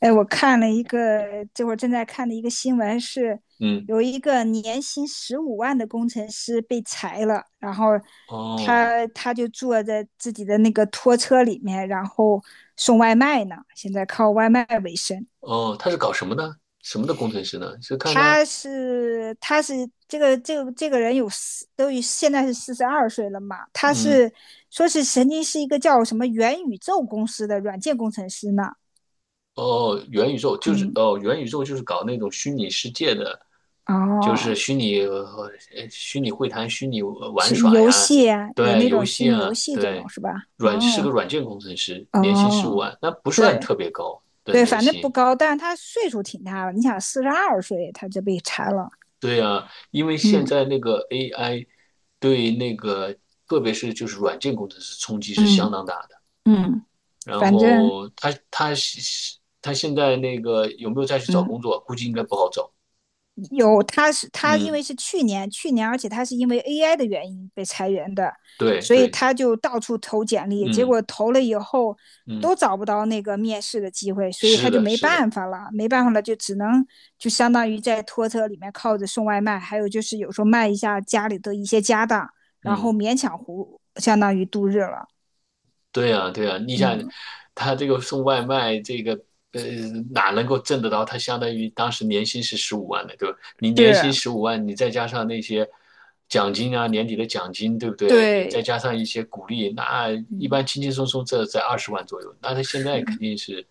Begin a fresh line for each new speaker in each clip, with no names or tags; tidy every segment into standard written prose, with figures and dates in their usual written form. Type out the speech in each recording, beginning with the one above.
哎，我看了一个，这会儿正在看的一个新闻是，
嗯，
有一个年薪15万的工程师被裁了，然后
哦
他就坐在自己的那个拖车里面，然后送外卖呢，现在靠外卖为生。
哦，他是搞什么的？什么的工程师呢？是看他。
他是这个人有四都已现在是四十二岁了嘛，
嗯。
说是曾经是一个叫什么元宇宙公司的软件工程师呢。
哦，元宇宙就是，
嗯。
哦，元宇宙就是搞那种虚拟世界的，就是
哦。
虚拟会谈、虚拟玩
是
耍
游
呀。
戏啊，有
对，
那
游
种虚
戏
拟游
啊，
戏这种
对，
是吧？
是个
哦。
软件工程师，年薪十五
哦，
万，那不算
对
特别高的
对，
年
反正不
薪。
高，但是他岁数挺大了。你想，四十二岁他就被裁了。
对呀，因为现
嗯
在那个 AI 对那个，特别是就是软件工程师冲击是相
嗯
当大的。
嗯。
然
反正
后他现在那个有没有再去找
嗯
工作？估计应该不好找。
有，他是他，因为
嗯，
是去年，而且他是因为 AI 的原因被裁员的，
对
所以
对，
他就到处投简历，结果
嗯
投了以后
嗯，
都找不到那个面试的机会，所以他
是
就
的，
没
是的，
办法了，没办法了，就只能就相当于在拖车里面靠着送外卖，还有就是有时候卖一下家里的一些家当，然后
嗯。
勉强糊，相当于度日了。
对呀，对呀，你想，
嗯，
他这个送外卖，呃，哪能够挣得到？他相当于当时年薪是十五万的，对吧？你年薪
是，
十五万，你再加上那些奖金啊，年底的奖金，对不对？你再
对，
加上一些鼓励，那一
嗯，
般轻轻松松这在20万左右。那他现在肯
是。
定是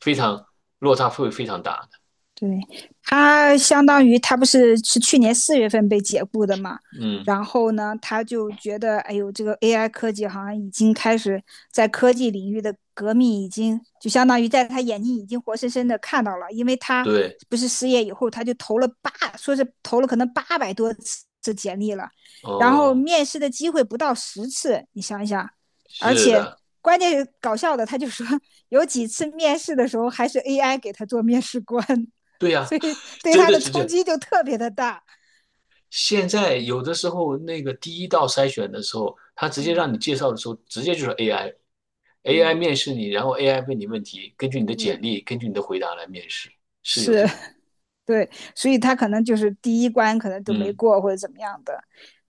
非常落差会非常大的。
对，他相当于他不是去年4月份被解雇的嘛，
嗯，
然后呢，他就觉得，哎呦，这个 AI 科技好像已经开始在科技领域的革命，已经就相当于在他眼睛已经活生生的看到了，因为他
对，
不是失业以后，他就投了八，说是投了可能800多次简历了，然后
哦，
面试的机会不到10次，你想一想，而
是
且
的，
关键是搞笑的，他就说有几次面试的时候还是 AI 给他做面试官。
对
所
呀，
以 对
真
他
的
的
是这
冲
样。
击就特别的大。
现在有的时候那个第一道筛选的时候，他直接
嗯
让你介绍的时候，直接就是 AI，AI
嗯
面试你，然后 AI 问你问题，根据你的简
嗯，
历，根据你的回答来面试，是有
是
这种。
对，所以他可能就是第一关可能都没
嗯
过或者怎么样的。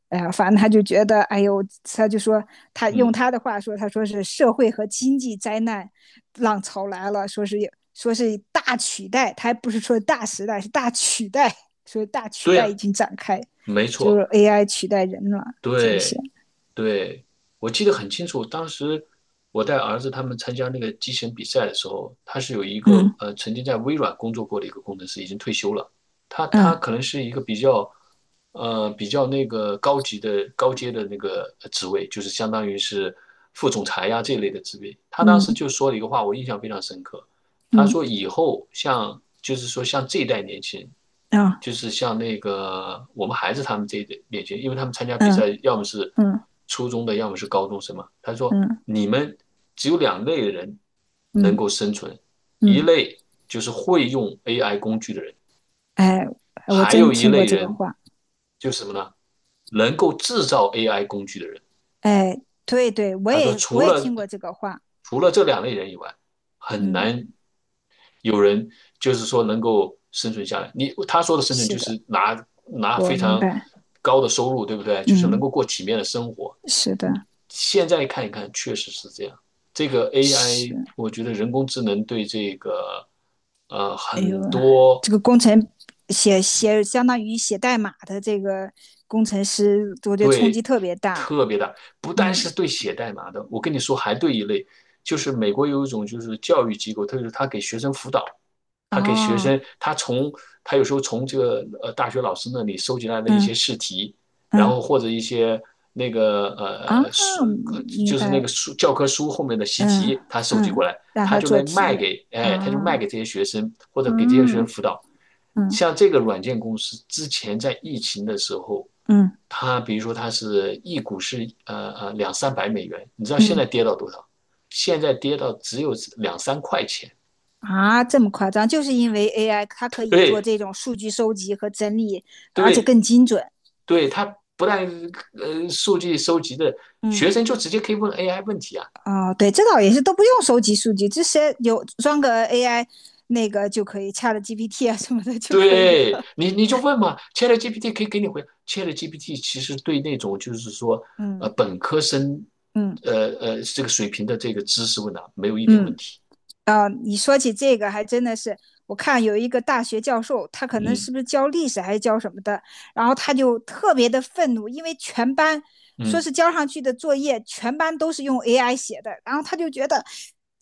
哎呀，反正他就觉得，哎呦，他就说，他用
嗯，
他的话说，他说是社会和经济灾难浪潮来了，说是大取代，他还不是说大时代，是大取代，说大取
对
代
呀，
已经展开，
没
就
错，
是 AI 取代人了这些。
对。对，我记得很清楚，当时我带儿子他们参加那个机器人比赛的时候，他是有一个
嗯
曾经在微软工作过的一个工程师，已经退休了。他
嗯
可能是一个比较那个高级的高阶的那个职位，就是相当于是副总裁呀、这类的职位。他当时
嗯
就说了一个话，我印象非常深刻。他
嗯
说以后像就是说像这一代年轻人，
啊
就是像那个我们孩子他们这一代年轻人，因为他们参加比赛
嗯
要么是
嗯嗯
初中的，要么是高中生嘛。他说
嗯。嗯嗯
你们只有两类人能够
嗯
生存，一
嗯，
类就是会用 AI 工具的人，
哎，哎我
还
真
有一
听
类
过这个
人
话，
就是什么呢？能够制造 AI 工具的人。
哎，对对，我
他说
也我
除
也听
了
过这个话，
除了这两类人以外，很
嗯，
难有人就是说能够生存下来。他说的生存
是
就
的，
是拿
我
非
明
常
白，
高的收入，对不对？就是能
嗯，
够过体面的生活。
是的，
现在看一看，确实是这样。这个
是，
AI，我觉得人工智能对这个呃
哎呦，
很多
这个工程写写相当于写代码的这个工程师，我觉得冲击
对，
特别大。
特别大。不单
嗯，
是对写代码的，我跟你说，还对一类，就是美国有一种就是教育机构，特别是他给学生辅导，他给学
哦，
生，他有时候从这个大学老师那里收集来的一
嗯
些试题，然后
嗯
或者一些那个
啊，
书，
明
就是
白
那个
了，
书教科书后面的习
嗯
题，他收集过
嗯，
来，
让
他
他
就
做
能卖
题
给，哎，他就卖给
啊，
这些学生，或者给这些学生
嗯
辅导。
嗯
像这个软件公司之前在疫情的时候，
嗯
它比如说是一股是两三百美元，你知道现
嗯。
在跌到多少？现在跌到只有两三块钱。
啊，这么夸张，就是因为 AI 它可以做
对
这种数据收集和整理，而且
对
更精准。
对，它不但数据收集的，
嗯，
学生就直接可以问 AI 问题啊。
哦，对，这倒也是都不用收集数据，这些有装个 AI 那个就可以，Chat GPT 啊什么的就可以
对
了。
你，你就问嘛，ChatGPT 可以给你回。ChatGPT 其实对那种就是说，
嗯
本科生，
嗯
这个水平的这个知识问答没有一点问
嗯。
题。
啊，你说起这个，还真的是，我看有一个大学教授，他可能
嗯
是不是教历史还是教什么的，然后他就特别的愤怒，因为全班说
嗯
是交上去的作业，全班都是用 AI 写的，然后他就觉得，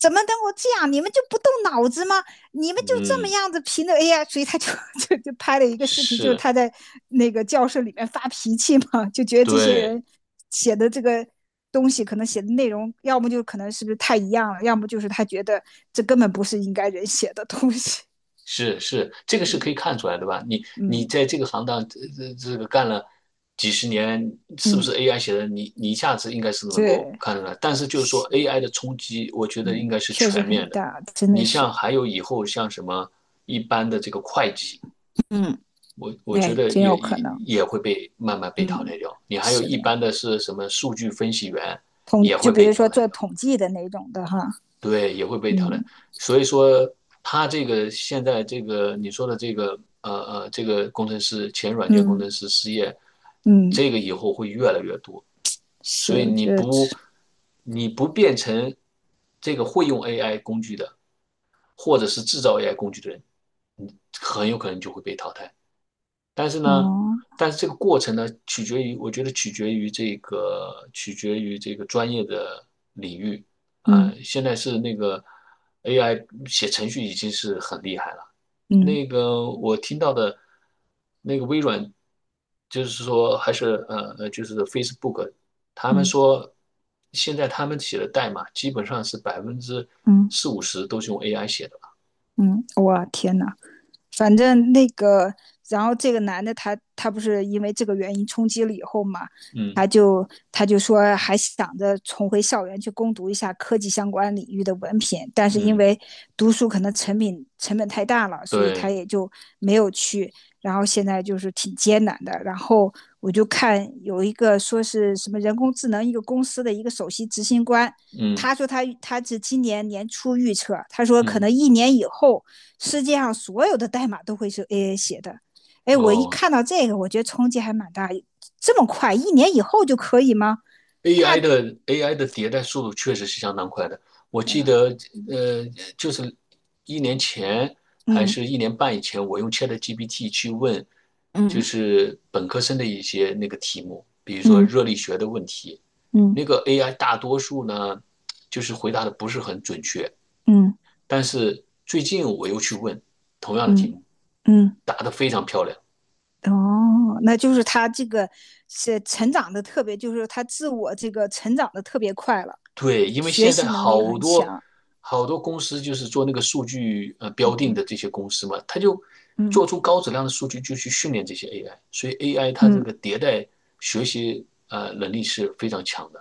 怎么能够这样？你们就不动脑子吗？你们就这么
嗯，
样子凭着 AI，所以他就 就拍了一个视频，就
是
是
的，
他在那个教室里面发脾气嘛，就觉得这些
对。
人写的这个东西可能写的内容，要么就可能是不是太一样了，要么就是他觉得这根本不是应该人写的东西。
是是，这个 是
嗯
可以看出来的吧？你
嗯
在这个行当这个干了几十年，是不是
嗯，
AI 写的？你一下子应该是能够
这
看出来。但是就是说
是
AI 的冲击，我觉得应
嗯，
该是
确实
全
很
面的。
大，真的
你像
是，
还有以后像什么一般的这个会计，
嗯，
我觉
哎，
得
真
也
有可
也
能，
也会被慢慢被淘
嗯，
汰掉。你还有
是
一
的，
般的是什么数据分析员也
就
会
比
被
如说
淘汰
做
掉。
统计的那种的哈，
对，也会被淘汰。
嗯
所以说，他这个现在这个你说的这个工程师前软件工
嗯
程师失业，
嗯。
这个以后会越来越多。
是，
所以
我
你
觉得，
不变成这个会用 AI 工具的，或者是制造 AI 工具的人，你很有可能就会被淘汰。但是呢，
哦，
但是这个过程呢，取决于我觉得取决于这个取决于这个专业的领域啊、
嗯
现在是那个 AI 写程序已经是很厉害了。
嗯
那个我听到的，那个微软就是说还是就是 Facebook，他们
嗯
说现在他们写的代码基本上是百分之
嗯
四五十都是用 AI 写的吧？
嗯，哇，天哪！反正那个，然后这个男的他不是因为这个原因冲击了以后嘛，
嗯
他就他就说还想着重回校园去攻读一下科技相关领域的文凭，但是因
嗯，
为读书可能成本太大了，所以他
对，
也就没有去。然后现在就是挺艰难的。然后我就看有一个说是什么人工智能一个公司的一个首席执行官，
嗯
他说他是今年年初预测，他说可
嗯，
能一年以后，世界上所有的代码都会是 AI 写的。哎，我一
哦，
看到这个，我觉得冲击还蛮大。这么快，一年以后就可以吗？大，
AI 的迭代速度确实是相当快的。我记
嗯
得，呃，就是一年前还
嗯
是一年半以前，我用 ChatGPT 去问，就
嗯
是本科生的一些那个题目，比如说
嗯
热力学的问题，
嗯
那个 AI 大多数呢，就是回答的不是很准确。
嗯
但是最近我又去问同样的题
嗯
目，
嗯，
答得非常漂亮。
哦，那就是他这个是成长的特别，就是他自我这个成长的特别快了，
对，因为
学
现在
习能力
好
很
多
强。
好多公司就是做那个数据标定
嗯
的这些公司嘛，它就
嗯
做出高质量的数据，就去训练这些 AI，所以 AI 它这
嗯
个迭代学习能力是非常强的。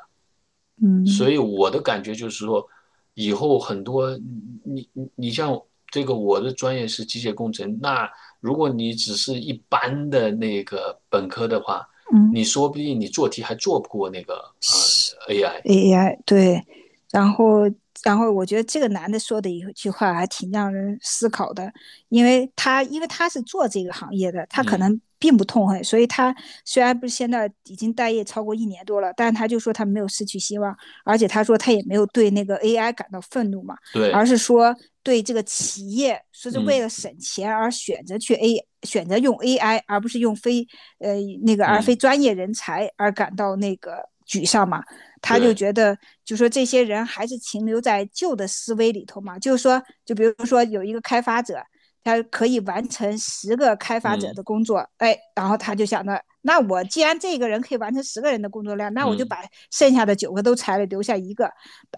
所
嗯
以我的感觉就是说，以后很多你像这个我的专业是机械工程，那如果你只是一般的那个本科的话，
嗯，
你说不定你做题还做不过那个呃
是
AI。
AI， 对，然后然后我觉得这个男的说的一句话还挺让人思考的，因为他是做这个行业的，他可
嗯。
能并不痛恨，所以他虽然不是现在已经待业超过一年多了，但他就说他没有失去希望，而且他说他也没有对那个 AI 感到愤怒嘛，而
对。
是说对这个企业说是为
嗯
了省钱而选择用 AI 而不是用非呃那个而非
嗯，
专业人才而感到沮丧嘛。他就
对，
觉得，就说这些人还是停留在旧的思维里头嘛。就是说，就比如说有一个开发者，他可以完成十个开发者的
嗯
工作，哎，然后他就想着，那我既然这个人可以完成十个人的工作量，那我就
嗯
把剩下的九个都裁了，留下一个，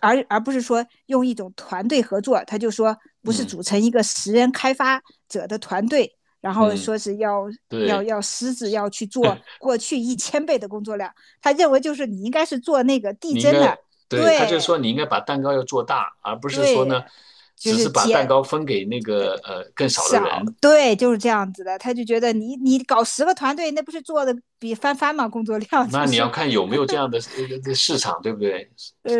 而不是说用一种团队合作。他就说，不是
嗯
组成一个10人开发者的团队，然后
嗯，
说是要要
对，
要狮子要去做过去1000倍的工作量，他认为就是你应该是做那个递
你应
增
该，
的，
对，他就
对
说你应该把蛋糕要做大，而不是说呢，
对，就
只
是
是把蛋
减
糕分给那个更少的
少，
人。
对，就是这样子的，他就觉得你搞十个团队，那不是做的比翻番嘛，工作量就
那你要
是
看有没有这样的这市场，对不对？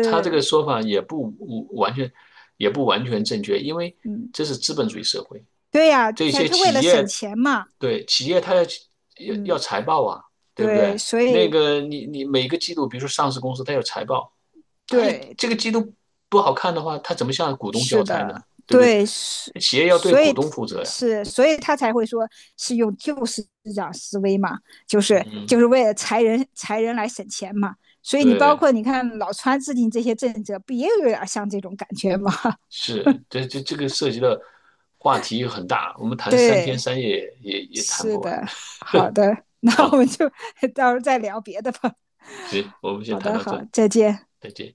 他这个说法完全，也不完全正确，因为
嗯，
这是资本主义社会，
对呀、
这
才
些
他为
企
了省
业，
钱嘛，
对，企业它要
嗯，
财报啊，对不
对，
对？
所
那
以
个你每个季度，比如说上市公司，它有财报。他这个
对
季度不好看的话，他怎么向股东
是
交差
的，
呢？对不对？
对，是，
企业要对
所
股
以
东负责呀。
是，所以他才会说是用旧思维嘛，就是就
嗯，
是为了裁人来省钱嘛。所以你
对，
你看老川制定这些政策，不也有点像这种感觉吗？
是，这个涉及的话题很大，我们 谈三天
对，
三夜也谈
是
不完。
的，好 的，那我们
好，
就 到时候再聊别的吧。
行，我们先
好
谈
的，
到
好，
这，
再见。
再见。